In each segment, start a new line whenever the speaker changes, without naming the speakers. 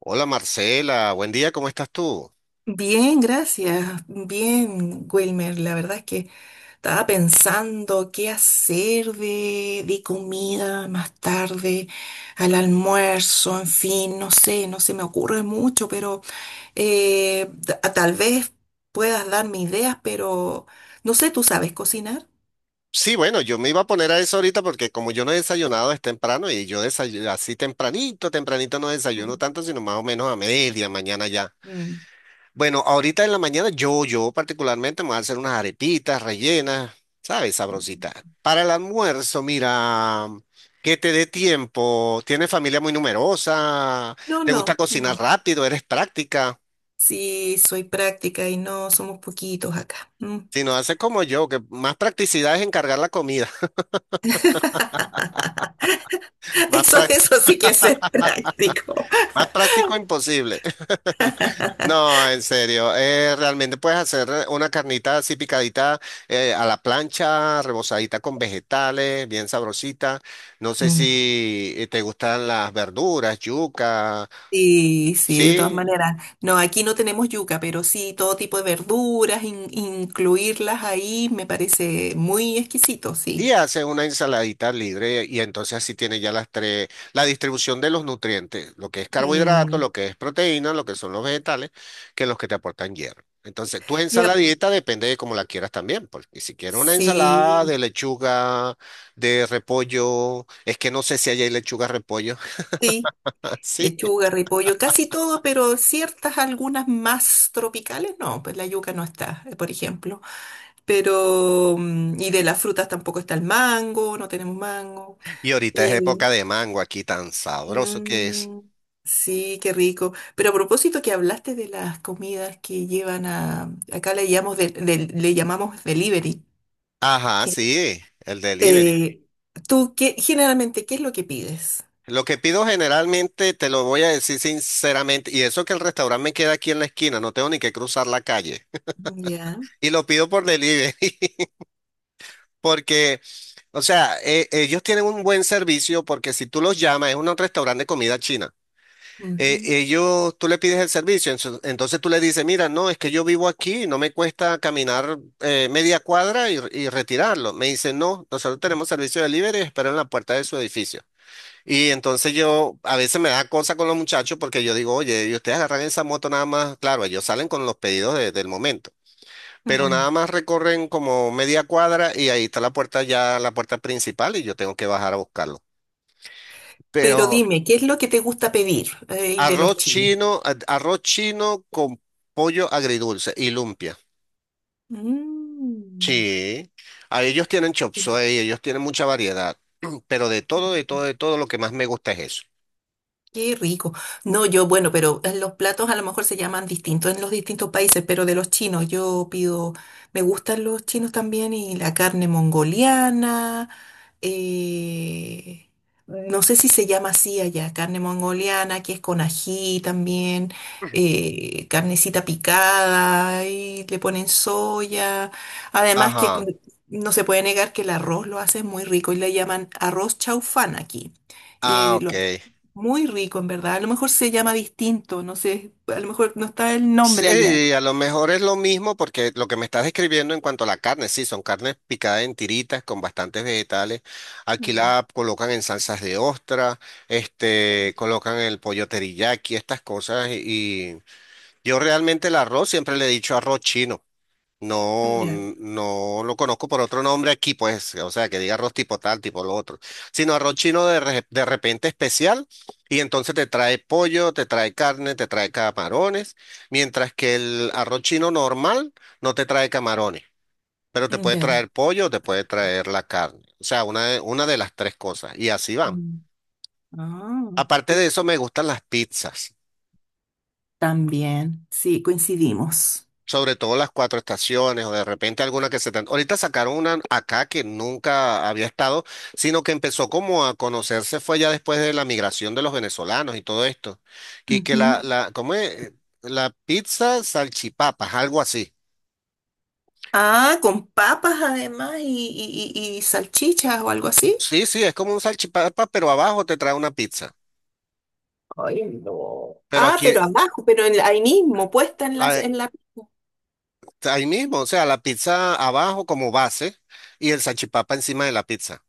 Hola Marcela, buen día, ¿cómo estás tú?
Bien, gracias. Bien, Wilmer. La verdad es que estaba pensando qué hacer de comida más tarde, al almuerzo, en fin, no sé, no se me ocurre mucho, pero tal vez puedas darme ideas, pero no sé, ¿tú sabes cocinar?
Sí, bueno, yo me iba a poner a eso ahorita porque como yo no he desayunado es temprano y yo desayuno así tempranito, tempranito no desayuno
Mm,
tanto, sino más o menos a media mañana ya.
mm.
Bueno, ahorita en la mañana yo particularmente me voy a hacer unas arepitas rellenas, ¿sabes? Sabrositas. Para el almuerzo, mira, que te dé tiempo, tienes familia muy numerosa,
No,
te gusta
no,
cocinar
no.
rápido, eres práctica.
Sí, soy práctica y no somos poquitos acá. Mm.
Si no haces como yo, que más practicidad es encargar la comida. Más
Eso,
pra-
eso sí que es ser práctico.
Más práctico imposible. No, en serio. Realmente puedes hacer una carnita así picadita a la plancha, rebozadita con vegetales, bien sabrosita. No sé
Mm.
si te gustan las verduras, yuca.
Sí, sí, de todas
Sí,
maneras. No, aquí no tenemos yuca, pero sí todo tipo de verduras, incluirlas ahí me parece muy exquisito, sí.
y hace una ensaladita libre y entonces así tiene ya las tres, la distribución de los nutrientes, lo que es carbohidrato,
Mm,
lo que es proteína, lo que son los vegetales, que los que te aportan hierro. Entonces, tu
ya,
ensaladita depende de cómo la quieras también, porque si quieres una ensalada
sí,
de lechuga, de repollo, es que no sé si allá hay lechuga repollo,
sí,
sí.
lechuga, repollo, casi todo, pero ciertas algunas más tropicales, no, pues la yuca no está, por ejemplo. Pero, y de las frutas tampoco está el mango, no tenemos mango.
Y ahorita es época de mango aquí, tan sabroso que es.
Mm, sí, qué rico. Pero a propósito que hablaste de las comidas que llevan a, acá le llamamos, le llamamos delivery.
Ajá,
Que,
sí, el delivery.
eh, ¿tú qué, generalmente qué es lo que pides?
Lo que pido generalmente, te lo voy a decir sinceramente, y eso que el restaurante me queda aquí en la esquina, no tengo ni que cruzar la calle.
Ya.
Y lo pido por delivery, porque, o sea, ellos tienen un buen servicio, porque si tú los llamas, es un restaurante de comida china.
Ujú,
Ellos, tú le pides el servicio, entonces tú le dices, mira, no, es que yo vivo aquí, no me cuesta caminar media cuadra y retirarlo. Me dicen, no, nosotros tenemos servicio de delivery, espero en la puerta de su edificio. Y entonces yo a veces me da cosa con los muchachos porque yo digo, oye, y ustedes agarran esa moto nada más, claro, ellos salen con los pedidos del momento, pero nada
mm.
más recorren como media cuadra y ahí está la puerta ya, la puerta principal y yo tengo que bajar a buscarlo.
Pero
Pero
dime, ¿qué es lo que te gusta pedir de los
arroz
chinos?
chino, arroz chino con pollo agridulce y lumpia.
Mm,
Sí, a ellos tienen chop suey, ellos tienen mucha variedad, pero de todo, de todo, de todo, lo que más me gusta es eso.
qué rico. No, yo, bueno, pero los platos a lo mejor se llaman distintos en los distintos países, pero de los chinos yo pido, me gustan los chinos también y la carne mongoliana, eh, no sé si se llama así allá, carne mongoliana, que es con ají también, carnecita picada, y le ponen soya. Además que
Ajá.
no se puede negar que el arroz lo hace muy rico y le llaman arroz chaufán aquí. Y
Ah,
lo
ok.
hacen muy rico, en verdad. A lo mejor se llama distinto, no sé, a lo mejor no está el nombre allá.
Sí, a lo mejor es lo mismo porque lo que me estás describiendo en cuanto a la carne, sí, son carnes picadas en tiritas con bastantes vegetales. Aquí
Mm,
la colocan en salsas de ostra, este,
claro.
colocan el pollo teriyaki, estas cosas. Y yo realmente el arroz siempre le he dicho arroz chino. No,
Ya,
no lo conozco por otro nombre aquí, pues, o sea, que diga arroz tipo tal, tipo lo otro, sino arroz chino de, de repente especial, y entonces te trae pollo, te trae carne, te trae camarones, mientras que el arroz chino normal no te trae camarones, pero te puede
ya.
traer pollo, te puede traer la carne, o sea, una de las tres cosas, y así van.
Mm. Ah,
Aparte de
sí.
eso, me gustan las pizzas.
También, sí, coincidimos.
Sobre todo las cuatro estaciones o de repente alguna que se... Ahorita sacaron una acá que nunca había estado, sino que empezó como a conocerse fue ya después de la migración de los venezolanos y todo esto. Que la,
Ujú.
la, ¿cómo es? La pizza salchipapas, algo así.
Ah, con papas además y salchichas o algo así.
Sí, sí, es como un salchipapa, pero abajo te trae una pizza.
Ay, no.
Pero
Ah,
aquí,
pero abajo, pero ahí mismo, puesta en las,
a-
en la...
ahí mismo, o sea, la pizza abajo como base y el salchipapa encima de la pizza.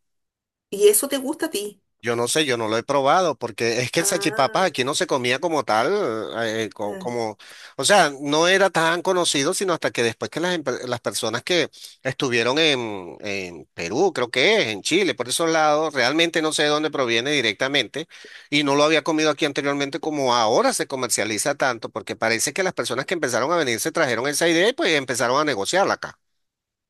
¿Y eso te gusta a ti?
Yo no sé, yo no lo he probado, porque es que el salchipapa
Ah,
aquí no se comía como tal,
ah,
como, o sea, no era tan conocido, sino hasta que después que las, las personas que estuvieron en Perú, creo que es, en Chile, por esos lados, realmente no sé de dónde proviene directamente, y no lo había comido aquí anteriormente como ahora se comercializa tanto, porque parece que las personas que empezaron a venir se trajeron esa idea y pues empezaron a negociarla acá.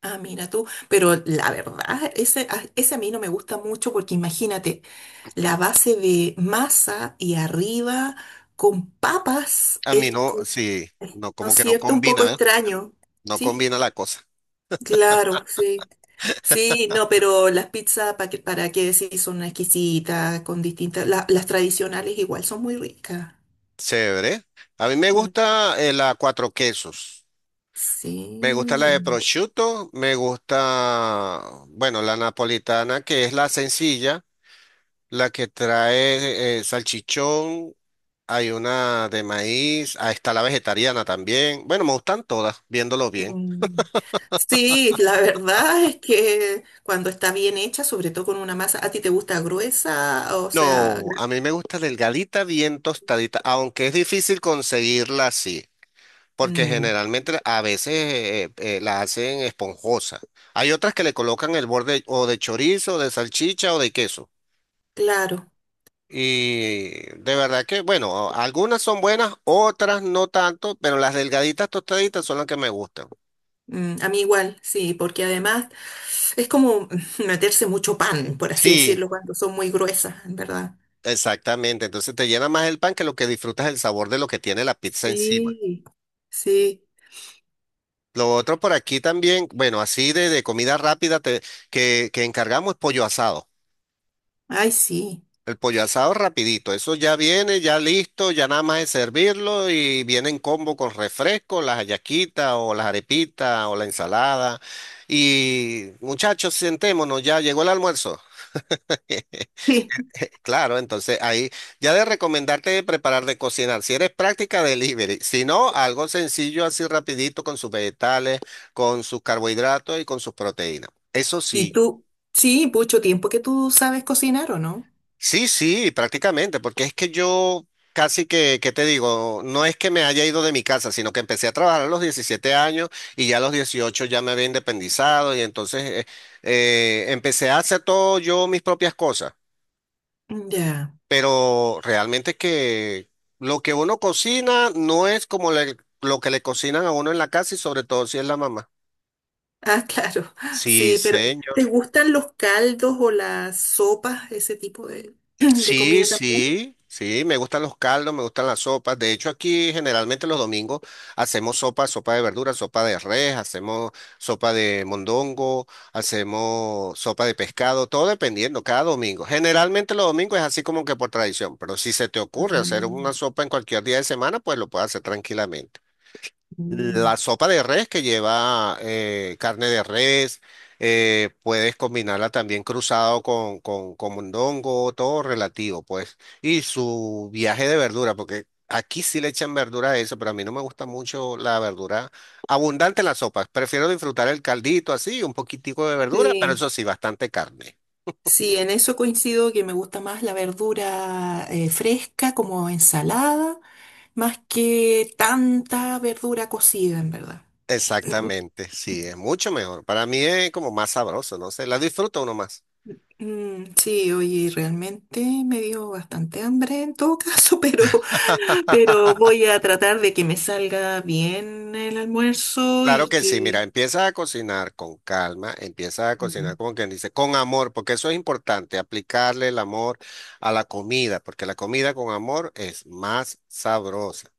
ah, mira tú. Pero la verdad, ese a mí no me gusta mucho porque imagínate, la base de masa y arriba con papas
A mí
es,
no,
como...
sí, no,
¿No es
como que no
cierto? Un
combina,
poco
¿ves?
extraño,
No
¿sí?
combina la cosa.
Claro, sí. Sí, no, pero las pizzas, para qué decir? Son exquisitas, con distintas... las tradicionales igual son muy ricas.
Chévere. A mí me
Mm,
gusta la cuatro quesos. Me gusta la
sí.
de prosciutto, me gusta, bueno, la napolitana, que es la sencilla, la que trae salchichón, hay una de maíz, ahí está la vegetariana también. Bueno, me gustan todas, viéndolo bien.
Mm. Sí, la verdad es que cuando está bien hecha, sobre todo con una masa, ¿a ti te gusta gruesa? O sea,
No,
gra...
a mí me gusta delgadita, bien tostadita, aunque es difícil conseguirla así. Porque
Mm,
generalmente a veces la hacen esponjosa. Hay otras que le colocan el borde o de chorizo, de salchicha o de queso.
claro.
Y de verdad que, bueno, algunas son buenas, otras no tanto, pero las delgaditas tostaditas son las que me gustan.
Mm, a mí igual, sí, porque además es como meterse mucho pan, por así
Sí,
decirlo, cuando son muy gruesas, en verdad.
exactamente. Entonces te llena más el pan que lo que disfrutas el sabor de lo que tiene la pizza encima.
Sí, sí.
Lo otro por aquí también, bueno, así de comida rápida que encargamos es pollo asado.
Ay, sí.
El pollo asado rapidito, eso ya viene, ya listo, ya nada más es servirlo y viene en combo con refresco, las hallaquitas o las arepitas o la ensalada. Y muchachos, sentémonos, ya llegó el almuerzo. Claro, entonces ahí ya de recomendarte de preparar, de cocinar. Si eres práctica, delivery. Si no, algo sencillo así rapidito con sus vegetales, con sus carbohidratos y con sus proteínas. Eso
¿Y
sí.
tú? Sí, mucho tiempo que tú sabes cocinar, ¿o no?
Sí, sí, prácticamente, porque es que yo casi que, ¿qué te digo? No es que me haya ido de mi casa, sino que empecé a trabajar a los 17 años y ya a los 18 ya me había independizado y entonces empecé a hacer todo yo mis propias cosas,
Ya.
pero realmente que lo que uno cocina no es como lo que le cocinan a uno en la casa y sobre todo si es la mamá.
Ah, claro.
Sí,
Sí, pero ¿te
señor.
gustan los caldos o las sopas, ese tipo de, de
Sí,
comida también?
sí, sí, me gustan los caldos, me gustan las sopas. De hecho, aquí generalmente los domingos hacemos sopa, sopa de verduras, sopa de res, hacemos sopa de mondongo, hacemos sopa de pescado, todo dependiendo, cada domingo. Generalmente los domingos es así como que por tradición, pero si se te
Ah,
ocurre hacer una sopa en cualquier día de semana, pues lo puedes hacer tranquilamente.
mm.
La sopa de res que lleva carne de res, puedes combinarla también cruzado con mondongo, todo relativo, pues. Y su viaje de verdura, porque aquí sí le echan verdura a eso, pero a mí no me gusta mucho la verdura abundante en las sopas. Prefiero disfrutar el caldito así, un poquitico de verdura, pero
Sí.
eso sí, bastante carne.
Sí, en eso coincido que me gusta más la verdura fresca como ensalada, más que tanta verdura cocida, en verdad.
Exactamente, sí, es mucho mejor. Para mí es como más sabroso, no sé, la disfruta uno más.
Mm, sí, oye, realmente me dio bastante hambre en todo caso, pero voy a tratar de que me salga bien el almuerzo
Claro
y
que sí, mira,
que...
empieza a cocinar con calma, empieza a cocinar
Mm,
como quien dice, con amor, porque eso es importante, aplicarle el amor a la comida, porque la comida con amor es más sabrosa.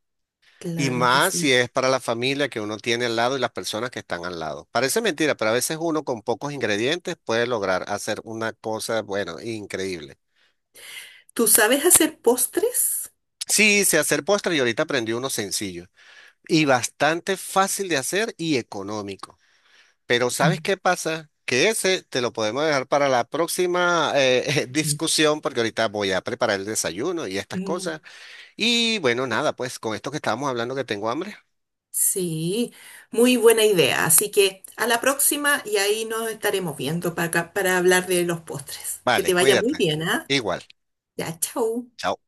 Y
claro que
más si
sí.
es para la familia que uno tiene al lado y las personas que están al lado. Parece mentira, pero a veces uno con pocos ingredientes puede lograr hacer una cosa, bueno, increíble.
¿Tú sabes hacer postres?
Sí, sé hacer postre y ahorita aprendí uno sencillo y bastante fácil de hacer y económico. Pero ¿sabes
Mm,
qué pasa? Que ese te lo podemos dejar para la próxima discusión porque ahorita voy a preparar el desayuno y estas
mm,
cosas. Y bueno, nada, pues con esto que estábamos hablando que tengo hambre.
sí, muy buena idea. Así que a la próxima y ahí nos estaremos viendo para hablar de los postres. Que
Vale,
te vaya muy
cuídate.
bien, ¿ah?
Igual.
Ya, chao.
Chao.